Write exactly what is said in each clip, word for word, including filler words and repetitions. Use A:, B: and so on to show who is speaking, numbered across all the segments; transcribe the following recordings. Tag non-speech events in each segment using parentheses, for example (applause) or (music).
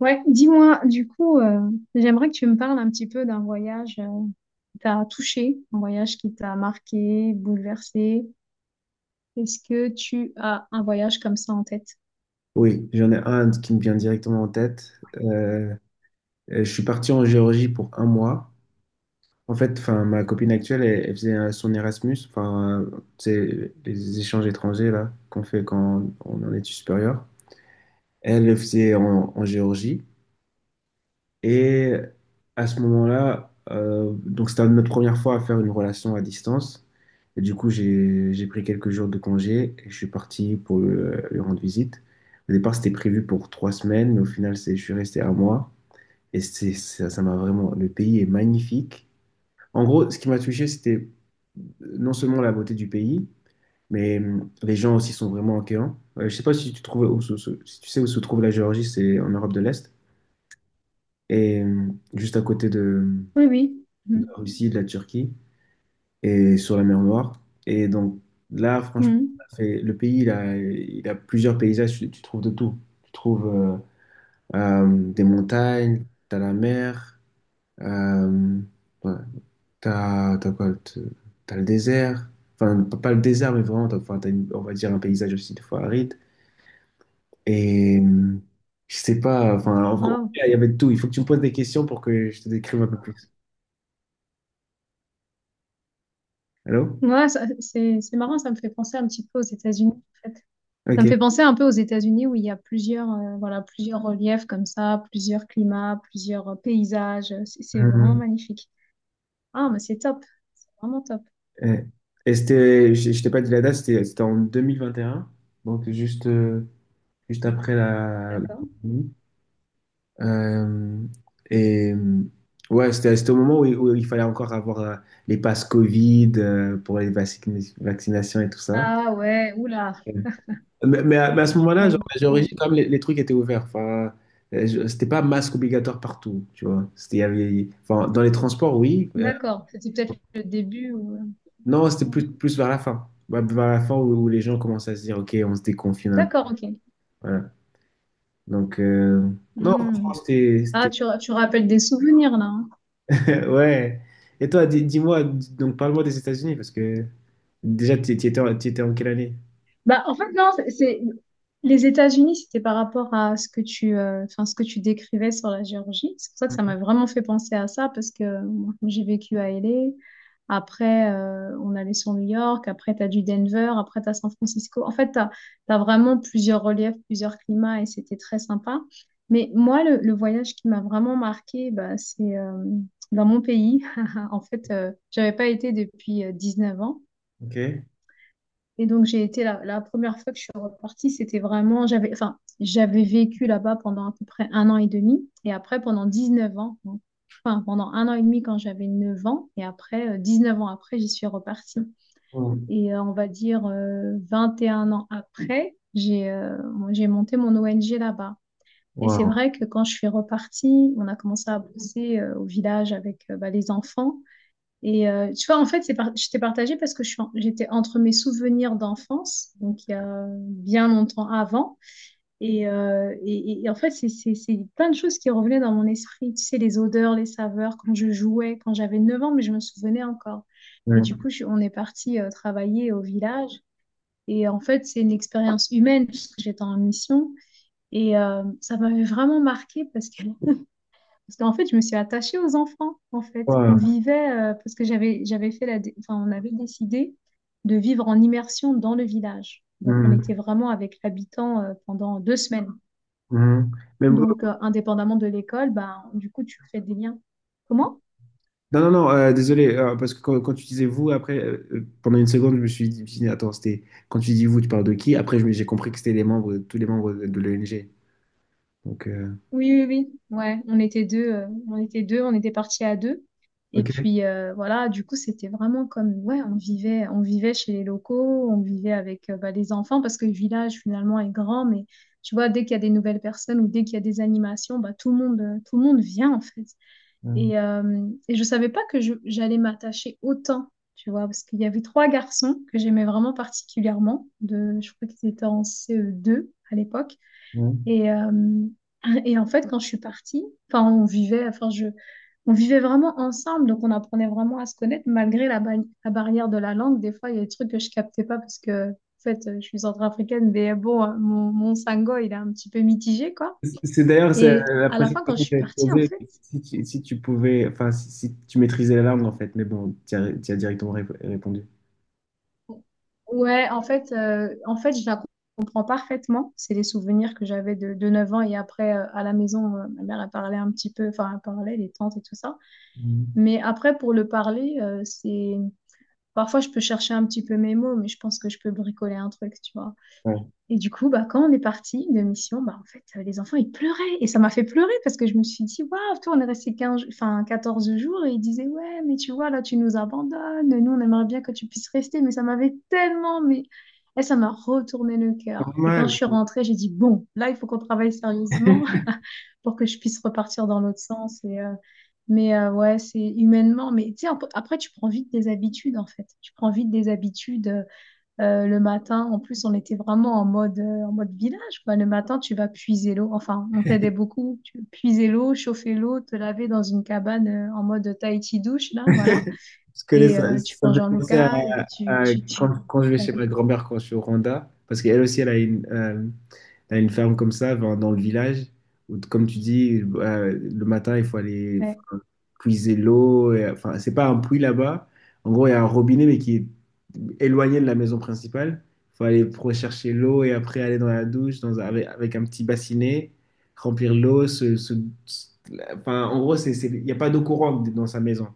A: Ouais, dis-moi, du coup, euh, j'aimerais que tu me parles un petit peu d'un voyage euh, qui t'a touché, un voyage qui t'a marqué, bouleversé. Est-ce que tu as un voyage comme ça en tête?
B: Oui, j'en ai un qui me vient directement en tête. Euh, euh, je suis parti en Géorgie pour un mois. En fait, enfin, ma copine actuelle, elle, elle faisait euh, son Erasmus, enfin, euh, c'est les échanges étrangers là qu'on fait quand on est en études supérieures. Elle le faisait en, en Géorgie. Et à ce moment-là, euh, donc c'était notre première fois à faire une relation à distance. Et du coup, j'ai j'ai pris quelques jours de congé et je suis parti pour le- lui rendre visite. Au départ, c'était prévu pour trois semaines, mais au final, c'est, je suis resté un mois. Et c'est, ça, ça m'a vraiment... Le pays est magnifique. En gros, ce qui m'a touché, c'était non seulement la beauté du pays, mais hum, les gens aussi sont vraiment accueillants. Euh, je sais pas si tu trouves où se- se- si tu sais où se trouve la Géorgie, c'est en Europe de l'Est. Et hum, juste à côté de,
A: Oui, oui.
B: de
A: Mhm.
B: la Russie, de la Turquie et sur la mer Noire. Et donc là, franchement,
A: Mhm.
B: on a fait- le pays, il a, il a plusieurs paysages, tu, tu trouves de tout. Tu trouves euh, euh, des montagnes, t'as la mer, euh, ouais, t'as, t'as quoi, t'as- t'as le désert. Enfin, pas pas le désert, mais vraiment, t'as, enfin, t'as une- on va dire un paysage aussi des fois aride. Et euh, je sais pas, enfin, en gros,
A: Waouh.
B: il y avait de tout. Il faut que tu me poses des questions pour que je te décrive un peu plus. Allô?
A: Ouais, ça- c'est, c'est marrant, ça me fait penser un petit peu aux États-Unis, en fait. Ça me
B: Ok.
A: fait penser un peu aux États-Unis où il y a plusieurs, euh, voilà, plusieurs reliefs comme ça, plusieurs climats, plusieurs euh, paysages. C'est c'est vraiment
B: Mm-hmm.
A: magnifique. Ah, mais c'est top, vraiment top.
B: Ouais. Et c'était, je, je t'ai pas dit la date, c'était c'était en deux mille vingt et un, donc juste, euh, juste après la...
A: D'accord.
B: Euh, et euh, ouais, c'était c'était au moment où, il où il fallait encore avoir euh, les passes Covid euh, pour les vaccina- vaccinations et tout ça.
A: Ah ouais, oula.
B: Ouais. Mais, mais à, mais à ce moment-là, genre,
A: Aïe.
B: j'ai
A: Ouais.
B: réussi quand même, les, les trucs étaient ouverts. Enfin, euh, je- c'était pas masque obligatoire partout, tu vois. C'était, il y avait, enfin, dans les transports, oui. euh,
A: D'accord, c'était peut-être le début ou...
B: Non, c'était plus, plus vers la fin. Ouais, vers la fin où, où les gens commencent à se dire, OK, on se déconfine un peu.
A: D'accord, ok.
B: Voilà. Donc, euh, non,
A: Hmm.
B: franchement, c'était.
A: Ah,
B: c'était-
A: tu, ra- tu rappelles des souvenirs là, hein.
B: (laughs) Ouais. Et toi, di- dis-moi, di- donc parle-moi des États-Unis, parce que déjà, tu tu étais, en- tu étais en quelle année?
A: Bah, en fait, non, c'est c'est- les États-Unis, c'était par rapport à ce que tu, euh, enfin, ce que tu décrivais sur la Géorgie. C'est pour ça que ça m'a vraiment fait penser à ça, parce que moi, comme j'ai vécu à L A. Après, euh, on allait sur New York. Après, tu as du Denver. Après, tu as San Francisco. En fait, tu as vraiment plusieurs reliefs, plusieurs climats, et c'était très sympa. Mais moi, le, le voyage qui m'a vraiment marqué, bah, c'est euh, dans mon pays. (laughs) En fait, euh, j'avais pas été depuis euh, neuf ans.
B: OK.
A: Et donc, j'ai été la, la première fois que je suis repartie, c'était vraiment, j'avais, enfin, j'avais vécu là-bas pendant à peu près un an et demi, et après pendant dix-neuf ans, donc, enfin, pendant un an et demi quand j'avais neuf ans, et après, euh, neuf ans après, j'y suis repartie.
B: Mm.
A: Et euh, on va dire euh, vingt et un ans après, j'ai euh, j'ai monté mon O N G là-bas. Et c'est
B: Wow.
A: vrai que quand je suis repartie, on a commencé à bosser euh, au village avec euh, bah, les enfants. Et euh, tu vois, en fait, c'est par- je t'ai partagé parce que je suis en- j'étais entre mes souvenirs d'enfance, donc il y a bien longtemps avant, et, euh, et- et- et en fait, c'est c'est- c'est plein de choses qui revenaient dans mon esprit. Tu sais, les odeurs, les saveurs, quand je jouais, quand j'avais neuf ans, mais je me souvenais encore. Et du
B: Ouais.
A: coup, je- on est parti euh, travailler au village. Et en fait, c'est une expérience humaine puisque j'étais en mission. Et euh, ça m'avait vraiment marqué parce que parce qu'en fait, je me suis attachée aux enfants, en fait. On
B: Wow.
A: vivait, euh, parce que j'avais, j'avais fait la, dé- enfin, on avait décidé de vivre en immersion dans le village. Donc, on était
B: Mhm.
A: vraiment avec l'habitant euh, pendant deux semaines.
B: Mhm. Mais vous-
A: Donc, euh, indépendamment de l'école, ben, du coup, tu fais des liens. Comment?
B: non, non, non, euh, désolé, euh, parce que quand, quand tu disais vous, après, euh, euh, pendant une seconde, je me suis dit, attends, c'était quand tu dis vous, tu parles de qui? Après, je me- j'ai compris que c'était les membres, tous les membres de, de l'O N G. Donc, euh,
A: Oui, oui, oui. Ouais, on était deux, euh, on était deux, on était partis à deux. Et
B: ok.
A: puis euh, voilà, du coup, c'était vraiment comme ouais, on vivait, on vivait chez les locaux, on vivait avec euh, bah, les enfants parce que le village finalement est grand, mais tu vois, dès qu'il y a des nouvelles personnes ou dès qu'il y a des animations, bah tout le monde, euh, tout le monde vient en fait.
B: Mhm.
A: Et euh, et je savais pas que je- j'allais m'attacher autant, tu vois, parce qu'il y avait trois garçons que j'aimais vraiment particulièrement. De, je crois qu'ils étaient en C E deux à l'époque.
B: Mhm.
A: Et, euh, et en fait, quand je suis partie, enfin, on vivait, enfin, je, on vivait vraiment ensemble, donc on apprenait vraiment à se connaître malgré la, ba- la barrière de la langue. Des fois, il y a des trucs que je captais pas parce que, en fait, je suis centrafricaine, mais bon, hein, mon, mon sango, il est un petit peu mitigé, quoi.
B: C'est c'est d'ailleurs c'est
A: Et
B: la
A: à la
B: prochaine
A: fin, quand
B: question
A: je
B: que
A: suis
B: j'allais te
A: partie, en
B: poser.
A: fait,
B: Si tu, si tu pouvais, enfin, si, si tu maîtrisais la langue, en fait, mais bon, tu as, tu as directement rép- répondu.
A: ouais, en fait, euh, en fait, je la comprends parfaitement. C'est les souvenirs que j'avais de, de neuf ans et après, euh, à la maison, euh, ma mère, elle parlait un petit peu, enfin, elle parlait, les tantes et tout ça.
B: Mhm.
A: Mais après, pour le parler, euh, c'est... Parfois, je peux chercher un petit peu mes mots, mais je pense que je peux bricoler un truc, tu vois.
B: Ouais.
A: Et du coup, bah, quand on est parti de mission, bah, en fait, euh, les enfants, ils pleuraient. Et ça m'a fait pleurer parce que je me suis dit, waouh, toi, on est resté quinze enfin, quatorze jours et ils disaient, ouais, mais tu vois, là, tu nous abandonnes. Nous, on aimerait bien que tu puisses rester. Mais ça m'avait tellement, mais et ça m'a retourné le cœur. Et quand
B: Normal.
A: je suis rentrée, j'ai dit, bon, là, il faut qu'on travaille sérieusement
B: (laughs)
A: pour que je puisse repartir dans l'autre sens. Et, euh, mais euh, ouais, c'est humainement. Mais tu sais, ap- après, tu prends vite des habitudes, en fait. Tu prends vite des habitudes. Euh, euh, le matin, en plus, on était vraiment en mode, euh, en mode village, quoi. Le matin, tu vas puiser l'eau. Enfin, on t'aidait beaucoup. Tu puiser l'eau, chauffer l'eau, te laver dans une cabane euh, en mode Tahiti douche, là, voilà.
B: Je connais
A: Et
B: ça.
A: euh, tu
B: Ça me
A: manges
B: fait
A: en
B: penser à,
A: local, tu...
B: à
A: tu, tu...
B: quand, quand je vais
A: Ouais,
B: chez ma grand-mère quand je suis au Rwanda, parce qu'elle aussi, elle a une... T'as une ferme comme ça, enfin, dans le village où, comme tu dis, euh, le matin, il faut aller, enfin,
A: (laughs)
B: puiser l'eau. Et enfin, c'est pas un puits là-bas. En gros, il y a un robinet, mais qui est éloigné de la maison principale. Il faut aller rechercher l'eau et après aller dans la douche dans, un- avec, avec un petit bassinet, remplir l'eau... se- se- se- enfin, en gros, c'est, c'est- il n'y a pas d'eau courante dans sa maison.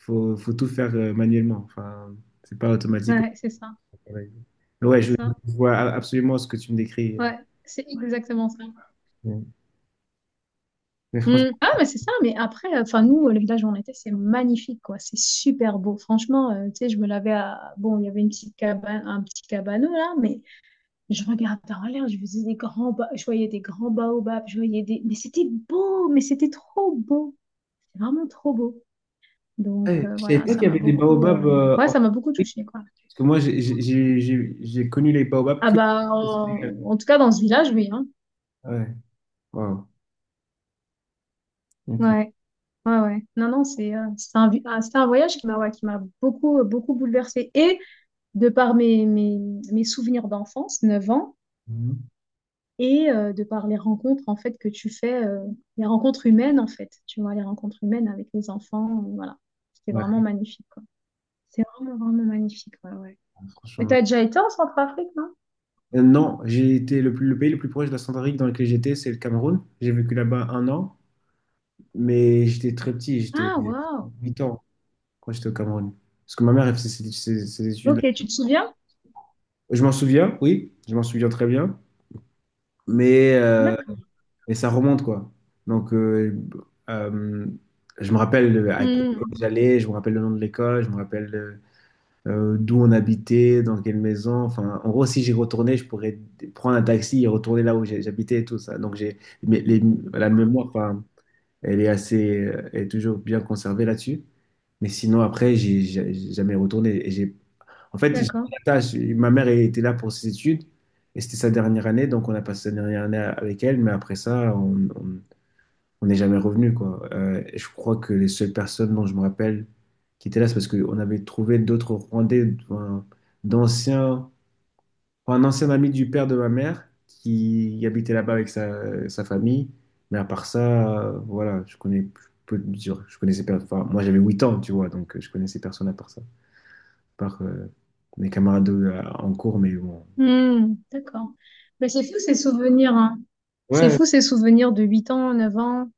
B: Il faut, faut tout faire euh, manuellement. Enfin, c'est pas automatique.
A: ouais, c'est ça.
B: Ouais,
A: C'est
B: je
A: ça.
B: vois absolument ce que tu me décris.
A: Ouais, c'est exactement ça.
B: Mais
A: Mm.
B: franchement...
A: Ah, mais c'est ça, mais après, enfin, nous, le village où on était, c'est magnifique, quoi. C'est super beau. Franchement, euh, tu sais, je me lavais à. Bon, il y avait une petite cabane, un petit cabanon, là, mais je regardais en l'air, je faisais des grands ba- je voyais des grands baobabs, je voyais des. Mais c'était beau, mais c'était trop beau. C'est vraiment trop beau. Donc,
B: Ouais,
A: euh,
B: je savais
A: voilà,
B: pas qu'il
A: ça
B: y
A: m'a
B: avait des
A: beaucoup. Euh,
B: baobabs euh,
A: Ouais,
B: en
A: ça m'a beaucoup
B: Afrique,
A: touchée, quoi.
B: parce que moi j'ai j'ai- j'ai- j'ai- j'ai connu les baobabs
A: Ah,
B: que
A: bah,
B: au Sénégal.
A: en, en tout cas, dans ce village, oui, hein.
B: Ouais, wow. Ok.
A: Ouais. Ouais, ouais. Non, non, c'est euh, c'est un, vi- ah, c'est un voyage qui m'a ouais, qui m'a beaucoup, euh, beaucoup bouleversée. Et de par mes, mes, mes souvenirs d'enfance, neuf ans,
B: Mhm.
A: et euh, de par les rencontres en fait que tu fais, euh, les rencontres humaines en fait, tu vois, les rencontres humaines avec les enfants, euh, voilà. C'était vraiment
B: Ouais,
A: magnifique, quoi. C'est vraiment, vraiment magnifique, ouais, ouais. Mais
B: franchement.
A: t'as déjà été en Centrafrique, non?
B: Euh, non, j'ai été le plus, le pays le plus proche de la Centrafrique dans lequel j'étais, c'est le Cameroun. J'ai vécu là-bas un an, mais j'étais très petit, j'étais
A: Ah, waouh!
B: huit ans quand j'étais au Cameroun. Parce que ma mère, elle faisait ses, ses- ses études
A: Ok,
B: là.
A: tu te souviens?
B: Je m'en souviens, oui, je m'en souviens très bien, mais euh,
A: D'accord.
B: et ça remonte, quoi. Donc, euh, euh, je me rappelle à quelle école
A: Hmm,
B: j'allais, je me rappelle le nom de l'école, je me rappelle euh, euh, d'où on habitait, dans quelle maison. Enfin, en gros, si j'y retournais, je pourrais prendre un taxi et retourner là où j'ai- j'habitais et tout ça. Donc, j'ai mais les- la mémoire, enfin, elle est assez, euh, elle est toujours bien conservée là-dessus. Mais sinon, après, j'ai j'ai- j'ai jamais retourné. Et j'ai, en fait, j'ai
A: d'accord.
B: pas d'attache. Ma mère elle était là pour ses études et c'était sa dernière année, donc on a passé sa dernière année avec elle. Mais après ça, on, on n'est jamais revenu, quoi. Euh, et je crois que les seules personnes dont je me rappelle qui étaient là, c'est parce qu'on avait trouvé d'autres Rwandais, enfin, d'anciens, enfin, un ancien ami du père de ma mère qui habitait là-bas avec sa, sa famille. Mais à part ça, euh, voilà, je connais peu de je je connaissais per- enfin, moi j'avais huit ans, tu vois, donc euh, je connaissais personne à part ça, à part euh, mes camarades euh, en cours, mais bon.
A: Hmm, d'accord. Mais c'est fou ces souvenirs, hein. C'est
B: Ouais,
A: fou ces souvenirs de huit ans, neuf ans,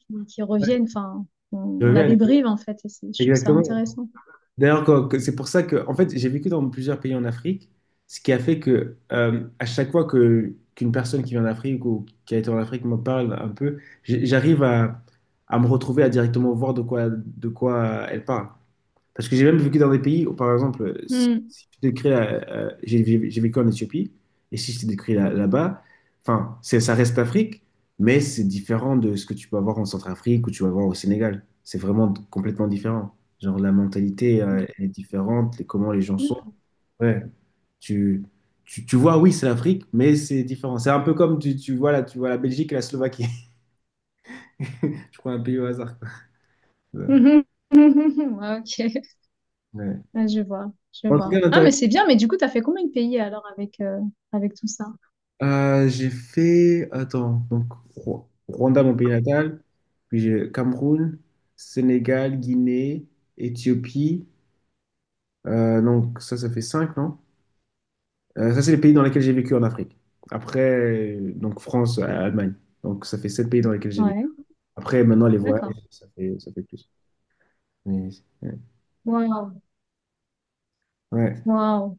A: qui qui
B: ouais,
A: reviennent, enfin, on,
B: je
A: on a
B: reviens,
A: des bribes en fait, et c'est- je trouve ça
B: exactement.
A: intéressant.
B: D'ailleurs, quoi, que- c'est pour ça que, en fait, j'ai vécu dans plusieurs pays en Afrique, ce qui a fait que, euh, à chaque fois que qu'une personne qui vient d'Afrique ou qui a été en Afrique me parle un peu, j'- j'arrive à, à me retrouver à directement voir de quoi, de quoi elle parle. Parce que j'ai même vécu dans des pays où, par exemple, si,
A: Hmm.
B: si je te décris, euh, euh, j'ai j'ai- j'ai vécu en Éthiopie, et si je te décris là- là-bas, enfin, c'est, ça reste l'Afrique, mais c'est différent de ce que tu peux avoir en Centrafrique ou tu vas voir au Sénégal. C'est vraiment complètement différent. Genre, la mentalité, euh, elle est différente, les- comment les gens sont. Ouais, tu, tu, tu vois, oui, c'est l'Afrique, mais c'est différent. C'est un peu comme tu, tu vois, là, tu vois la Belgique et la Slovaquie. (laughs) Je crois un pays au hasard, quoi. Ouais.
A: D'accord. Ah, (laughs) ok,
B: Ouais.
A: ah, je vois, je
B: En tout
A: vois.
B: cas,
A: Ah, mais
B: intéressant.
A: c'est bien, mais du coup, t'as fait combien de pays alors avec, euh, avec tout ça?
B: Euh, j'ai fait, attends, donc Rw- Rwanda, mon pays natal, puis j'ai Cameroun, Sénégal, Guinée, Éthiopie. Euh, donc ça, ça fait cinq, non? Euh, ça, c'est les pays dans lesquels j'ai vécu en Afrique. Après, euh, donc France, euh, Allemagne. Donc ça fait sept pays dans lesquels j'ai vécu.
A: Ouais,
B: Après, maintenant, les voyages,
A: d'accord.
B: ça fait, ça fait plus. Mais, ouais.
A: Waouh,
B: Ouais.
A: waouh.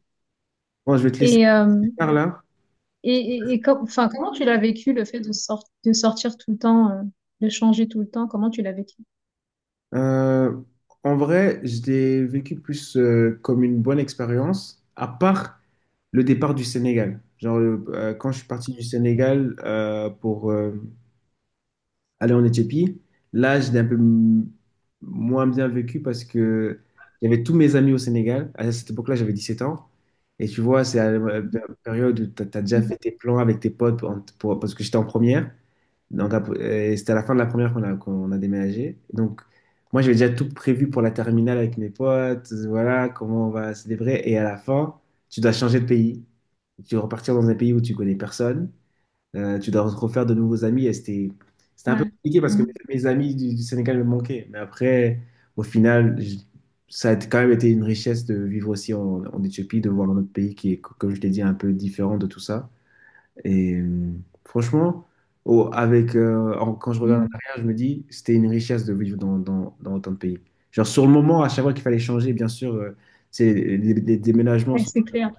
B: Bon, je vais te laisser
A: Et, euh,
B: par là.
A: et, et, et com- enfin, comment tu l'as vécu le fait de, sor- de sortir tout le temps, euh, de changer tout le temps? Comment tu l'as vécu?
B: Euh, en vrai, je l'ai vécu plus euh, comme une bonne expérience, à part le départ du Sénégal. Genre, le- euh, quand je suis parti du Sénégal euh, pour euh, aller en Éthiopie, là, je l'ai un peu m- moins bien vécu parce que j'avais tous mes amis au Sénégal. À cette époque-là, j'avais dix-sept ans. Et tu vois, c'est à la pé- période où tu as déjà
A: Mhm.
B: fait tes plans avec tes potes pour- pour- parce que j'étais en première. Donc, ap- euh, c'était à la fin de la première qu'on a, qu'on a déménagé. Donc, moi, j'avais déjà tout prévu pour la terminale avec mes potes. Voilà, comment on va célébrer. Et à la fin, tu dois changer de pays. Tu dois repartir dans un pays où tu connais personne. Euh, tu dois te refaire de nouveaux amis. Et c'était, c'était un peu
A: Ouais,
B: compliqué parce que
A: mhm.
B: mes, mes amis du, du Sénégal me manquaient. Mais après, au final, je- ça a été- quand même été une richesse de vivre aussi en, en Éthiopie, de voir un autre pays qui est, co- comme je l'ai dit, un peu différent de tout ça. Et euh, franchement, au- avec, euh, en- quand je regarde en
A: Mhm.
B: arrière, je me dis, c'était une richesse de vivre dans, dans, dans autant de pays. Genre, sur le moment, à chaque fois qu'il fallait changer, bien sûr, euh, c'est, les, les déménagements
A: Ouais,
B: sont,
A: c'est clair.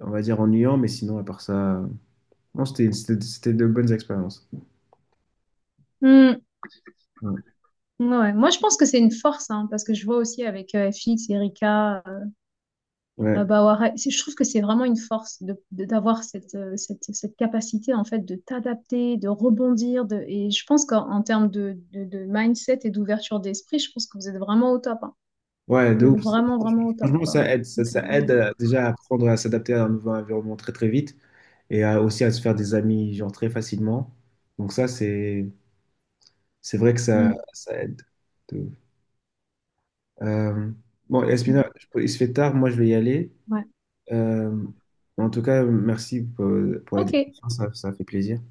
B: on va dire, ennuyants, mais sinon, à part ça, euh, non, c'était, c'était, c'était de bonnes expériences.
A: Hmm.
B: Ouais,
A: Ouais. Moi, je pense que c'est une force, hein, parce que je vois aussi avec euh, F X, Erika. Euh,
B: ouais,
A: bah, ouais, c'est- je trouve que c'est vraiment une force de, de- d'avoir cette, euh, cette, cette capacité en fait de t'adapter, de rebondir. De, et je pense qu'en en termes de, de, de mindset et d'ouverture d'esprit, je pense que vous êtes vraiment au top, hein.
B: ouais, de
A: Vous
B: ouf.
A: êtes vraiment, vraiment au top,
B: Franchement,
A: quoi.
B: ça aide. Ça,
A: Donc,
B: ça
A: euh,
B: aide euh, déjà à apprendre à s'adapter à un nouveau environnement très, très vite et à- aussi à se faire des amis, genre, très facilement. Donc, ça, c'est, c'est vrai que ça,
A: mm,
B: ça aide. Euh, bon,
A: mm,
B: Yasmina, je peux- il se fait tard, moi je vais y aller.
A: ouais.
B: Euh, en tout cas, merci pour, pour la
A: Ok.
B: discussion, ça ça fait plaisir.